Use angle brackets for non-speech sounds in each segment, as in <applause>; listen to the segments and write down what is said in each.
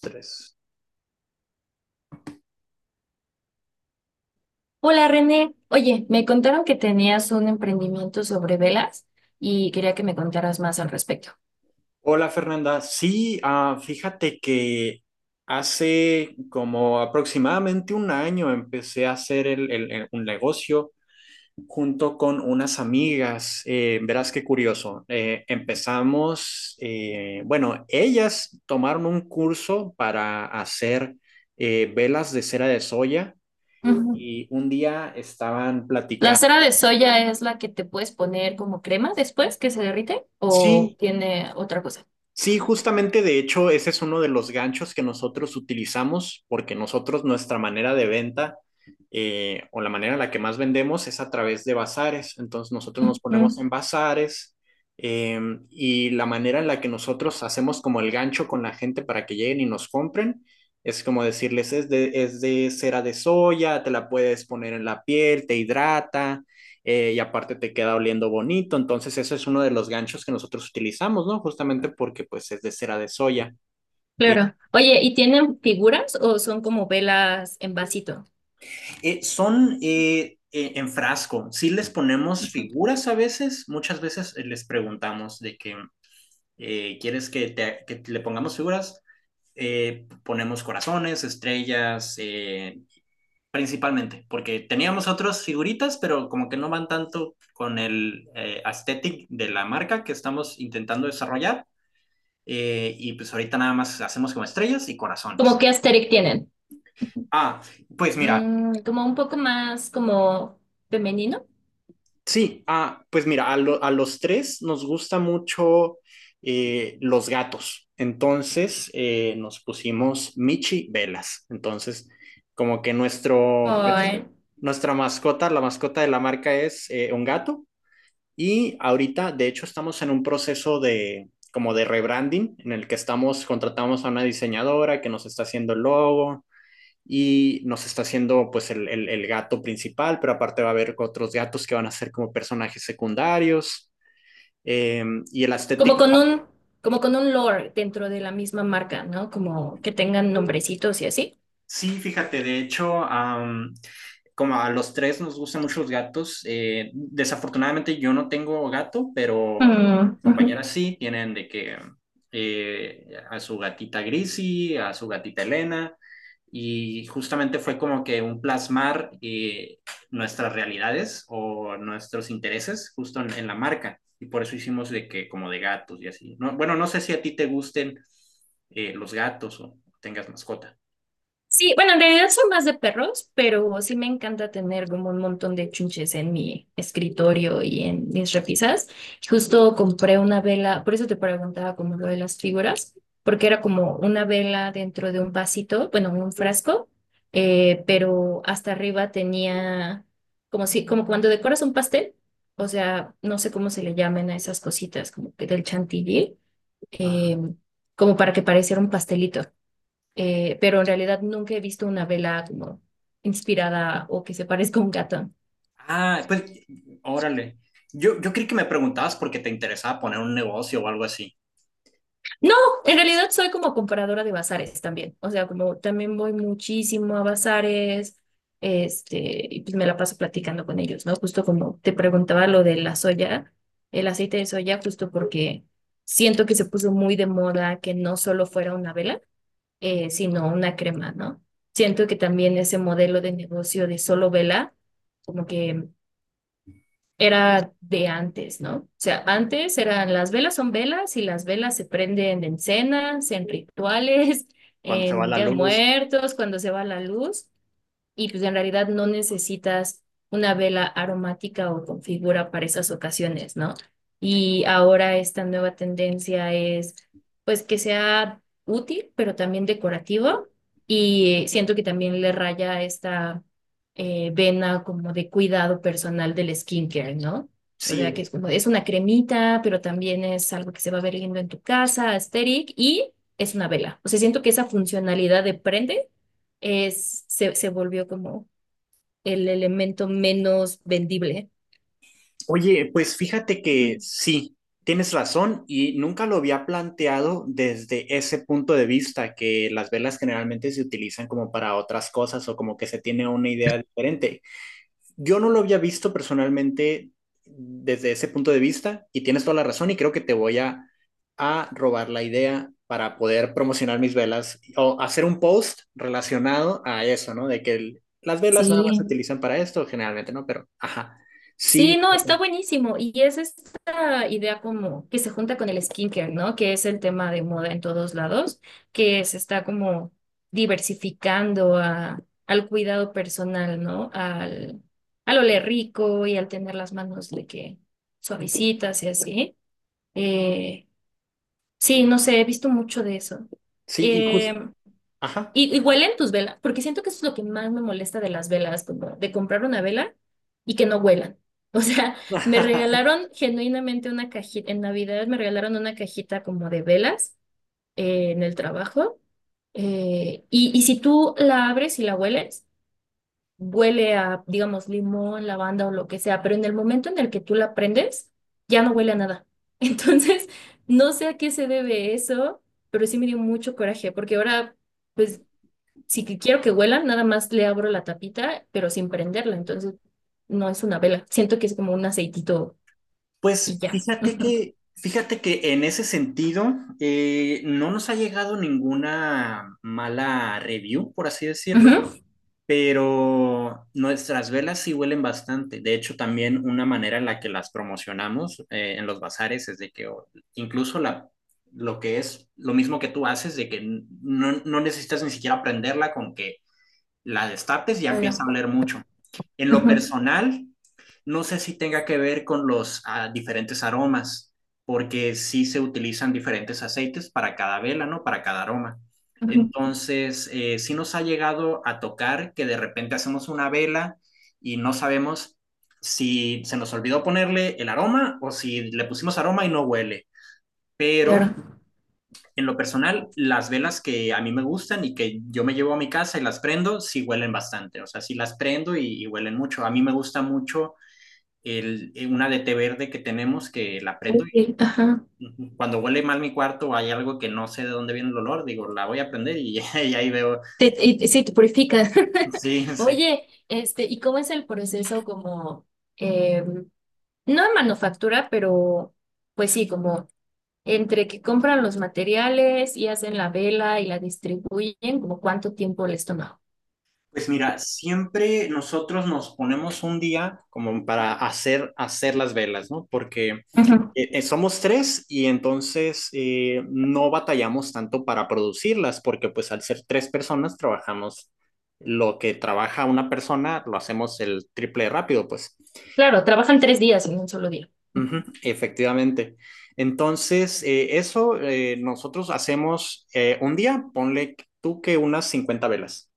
Tres. Hola René, oye, me contaron que tenías un emprendimiento sobre velas y quería que me contaras más al respecto. Hola Fernanda, sí, fíjate que hace como aproximadamente un año empecé a hacer un negocio junto con unas amigas. Verás qué curioso. Empezamos, bueno, ellas tomaron un curso para hacer velas de cera de soya Ujú. y un día estaban ¿La platicando. cera de soya es la que te puedes poner como crema después que se derrite o Sí. tiene otra cosa? Sí, justamente de hecho ese es uno de los ganchos que nosotros utilizamos porque nosotros nuestra manera de venta o la manera en la que más vendemos es a través de bazares. Entonces nosotros nos ponemos Ujú. en bazares, eh, y la manera en la que nosotros hacemos como el gancho con la gente para que lleguen y nos compren es como decirles es de cera de soya, te la puedes poner en la piel, te hidrata, y aparte te queda oliendo bonito. Entonces, eso es uno de los ganchos que nosotros utilizamos, ¿no? Justamente porque pues es de cera de soya. Eh, Claro. Oye, ¿y tienen figuras o son como velas en vasito? Son en frasco, sí les ponemos figuras a veces, muchas veces les preguntamos de que ¿quieres que le pongamos figuras? Ponemos corazones, estrellas, principalmente, porque teníamos otras figuritas, pero como que no van tanto con el aesthetic de la marca que estamos intentando desarrollar. Y pues ahorita nada más hacemos como estrellas y ¿Cómo corazones. qué aesthetic tienen? Ah, Pues mira, Como un poco más como femenino. sí, pues mira, a los tres nos gusta mucho, los gatos. Entonces nos pusimos Michi Velas. Entonces, como que nuestro, Ay. nuestra mascota, la mascota de la marca es un gato. Y ahorita, de hecho, estamos en un proceso de como de rebranding en el que estamos, contratamos a una diseñadora que nos está haciendo el logo, y nos está haciendo pues el gato principal, pero aparte va a haber otros gatos que van a ser como personajes secundarios. Eh, y el Como aesthetic. con un, como con un lore dentro de la misma marca, ¿no? Como que tengan nombrecitos y así. Sí, fíjate, de hecho, como a los tres nos gustan mucho los gatos. Desafortunadamente yo no tengo gato, pero Mm, ujú. compañeras sí tienen de que a su gatita Grisi, a su gatita Elena, y justamente fue como que un plasmar, nuestras realidades o nuestros intereses justo en la marca. Y por eso hicimos de que como de gatos y así. No, bueno, no sé si a ti te gusten, los gatos o tengas mascota. Sí, bueno, en realidad son más de perros, pero sí me encanta tener como un montón de chunches en mi escritorio y en mis repisas. Justo compré una vela, por eso te preguntaba como lo de las figuras, porque era como una vela dentro de un vasito, bueno, un frasco, pero hasta arriba tenía como si, como cuando decoras un pastel, o sea, no sé cómo se le llaman a esas cositas, como que del chantilly, eh, como para que pareciera un pastelito pero en realidad nunca he visto una vela como inspirada o que se parezca a un gato. Ah, pues, órale. Yo creí que me preguntabas porque te interesaba poner un negocio o algo así. No, en realidad soy como comparadora de bazares también, o sea, como también voy muchísimo a bazares, y pues me la paso platicando con ellos, ¿no? Justo como te preguntaba lo de la soya, el aceite de soya, justo porque siento que se puso muy de moda que no solo fuera una vela, sino una crema, ¿no? Siento que también ese modelo de negocio de solo vela, como que era de antes, ¿no? O sea, antes eran las velas son velas y las velas se prenden en cenas, en rituales, <laughs> Cuando se va en la Día de luz. Muertos, cuando se va la luz y pues en realidad no necesitas una vela aromática o con figura para esas ocasiones, ¿no? Y ahora esta nueva tendencia es pues que sea útil, pero también decorativo y siento que también le raya esta vena como de cuidado personal del skincare, ¿no? O sea, que Sí. es como, es una cremita, pero también es algo que se va a ver lindo en tu casa, aesthetic, y es una vela. O sea, siento que esa funcionalidad de prende se volvió como el elemento menos vendible. Oye, pues fíjate que Ujú. sí, tienes razón y nunca lo había planteado desde ese punto de vista, que las velas generalmente se utilizan como para otras cosas o como que se tiene una idea diferente. Yo no lo había visto personalmente desde ese punto de vista y tienes toda la razón y creo que a robar la idea para poder promocionar mis velas o hacer un post relacionado a eso, ¿no? De que las velas nada más se Sí, utilizan para esto generalmente, ¿no? Pero, ajá, sí, sí, no, está buenísimo. Y es esta idea como que se junta con el skincare, ¿no? Que es el tema de moda en todos lados, que se está como diversificando al cuidado personal, ¿no? Al oler rico y al tener las manos de que suavecitas y así. Eh, sí, no sé, he visto mucho de eso. sí, y justo, Em, ajá. y huelen tus velas, porque siento que eso es lo que más me molesta de las velas, como de comprar una vela y que no huelan. <laughs> O sea, me <laughs> regalaron genuinamente una cajita, en Navidad me regalaron una cajita como de velas en el trabajo. Y si tú la abres y la hueles, huele a, digamos, limón, lavanda o lo que sea, pero en el momento en el que tú la prendes, ya no huele a nada. <laughs> Entonces, no sé a qué se debe eso, pero sí me dio mucho coraje, porque ahora pues si que quiero que huelan, nada más le abro la tapita, pero sin prenderla. Entonces, no es una vela. Siento que es como un aceitito y ya. <laughs> Fíjate que en ese sentido, no nos ha llegado ninguna mala review, por así decirlo. Ujú. Ujú. Pero nuestras velas sí huelen bastante. De hecho, también una manera en la que las promocionamos, en los bazares es de que incluso lo que es lo mismo que tú haces, de que no necesitas ni siquiera prenderla, con que la destapes ya empieza a Bueno. oler mucho. En lo Ujú. personal, no sé si tenga que ver con los, diferentes aromas, porque sí se utilizan diferentes aceites para cada vela, ¿no? Para cada aroma. Ujú. Entonces, sí nos ha llegado a tocar que de repente hacemos una vela y no sabemos si se nos olvidó ponerle el aroma o si le pusimos aroma y no huele. Pero Claro. en lo personal, las velas que a mí me gustan y que yo me llevo a mi casa y las prendo, sí huelen bastante. O sea, sí las prendo y huelen mucho. A mí me gusta mucho el, una de té verde que tenemos que la prendo. Uy. Ajá. Y cuando huele mal mi cuarto o hay algo que no sé de dónde viene el olor, digo, la voy a prender y, <laughs> y ahí veo. Sí, te purifica. <laughs> Sí, sí. Oye, ¿y cómo es el proceso como, eh, no de manufactura, pero pues sí, como entre que compran los materiales y hacen la vela y la distribuyen, como cuánto tiempo les toma? Pues mira, siempre nosotros nos ponemos un día como para hacer las velas, ¿no? Porque somos tres y entonces, no batallamos tanto para producirlas porque pues al ser tres personas trabajamos lo que trabaja una persona lo hacemos el triple de rápido pues. Claro, trabajan 3 días en un solo día. Ujú, efectivamente. Entonces eso, nosotros hacemos, un día, ponle tú que unas 50 velas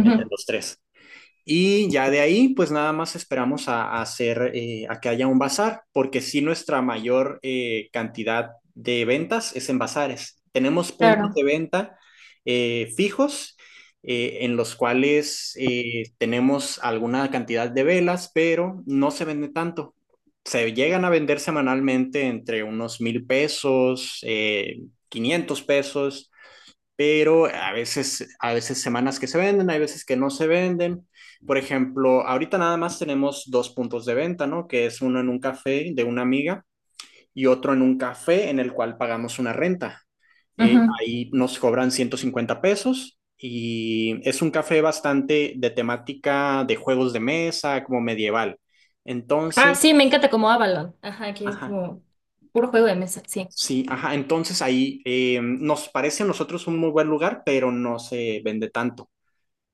entre los tres. Y ya de ahí, pues nada más esperamos a hacer, a que haya un bazar, porque sí nuestra mayor, cantidad de ventas es en bazares. Tenemos puntos Claro. de venta, fijos, en los cuales, tenemos alguna cantidad de velas, pero no se vende tanto. Se llegan a vender semanalmente entre unos 1,000 pesos, 500 pesos, pero a veces semanas que se venden, hay veces que no se venden. Por ejemplo, ahorita nada más tenemos dos puntos de venta, ¿no? Que es uno en un café de una amiga y otro en un café en el cual pagamos una renta. Ujú. Ahí nos cobran 150 pesos y es un café bastante de temática de juegos de mesa, como medieval. Ah, Entonces, sí, me encanta como Avalon. Ajá, que es ajá, como puro juego de mesa, sí. sí, ajá, entonces ahí, nos parece a nosotros un muy buen lugar, pero no se vende tanto.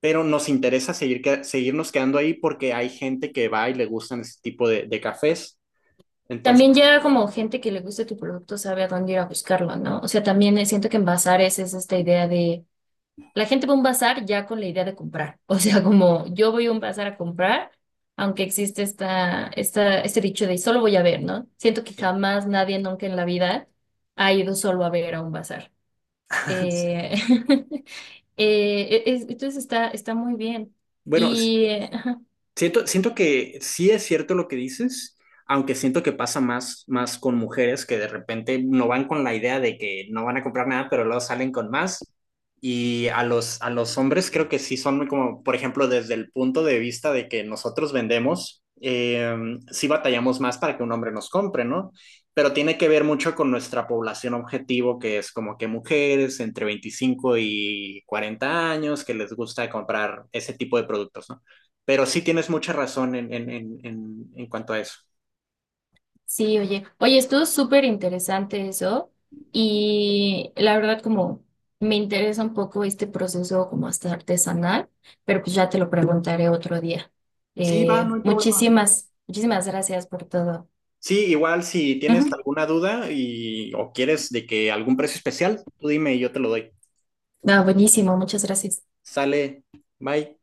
Pero nos interesa seguirnos quedando ahí porque hay gente que va y le gustan ese tipo de cafés. Entonces, También ya como gente que le guste tu producto sabe a dónde ir a buscarlo, ¿no? O sea, también siento que en bazares es esta idea de... La gente va a un bazar ya con la idea de comprar. <laughs> O sea, como yo voy a un bazar a comprar, aunque existe este dicho de solo voy a ver, ¿no? Siento que jamás nadie nunca en la vida ha ido solo a ver a un bazar. Eh, <laughs> entonces está muy bien. bueno, Y ajá, siento que sí es cierto lo que dices, aunque siento que pasa más, más con mujeres que de repente no van con la idea de que no van a comprar nada, pero luego salen con más. Y a los hombres creo que sí son muy como, por ejemplo, desde el punto de vista de que nosotros vendemos, sí batallamos más para que un hombre nos compre, ¿no? Pero tiene que ver mucho con nuestra población objetivo, que es como que mujeres entre 25 y 40 años que les gusta comprar ese tipo de productos, ¿no? Pero sí tienes mucha razón en, en cuanto a eso. sí, oye, oye, estuvo súper interesante eso. Y la verdad, como me interesa un poco este proceso como hasta artesanal, pero pues ya te lo preguntaré otro día. Sí, va, Eh, no hay problema. muchísimas, muchísimas gracias por todo. Sí, igual si tienes Ujú. alguna duda y o quieres de que algún precio especial, tú dime y yo te lo doy. Ah, buenísimo, muchas gracias. Sale, bye.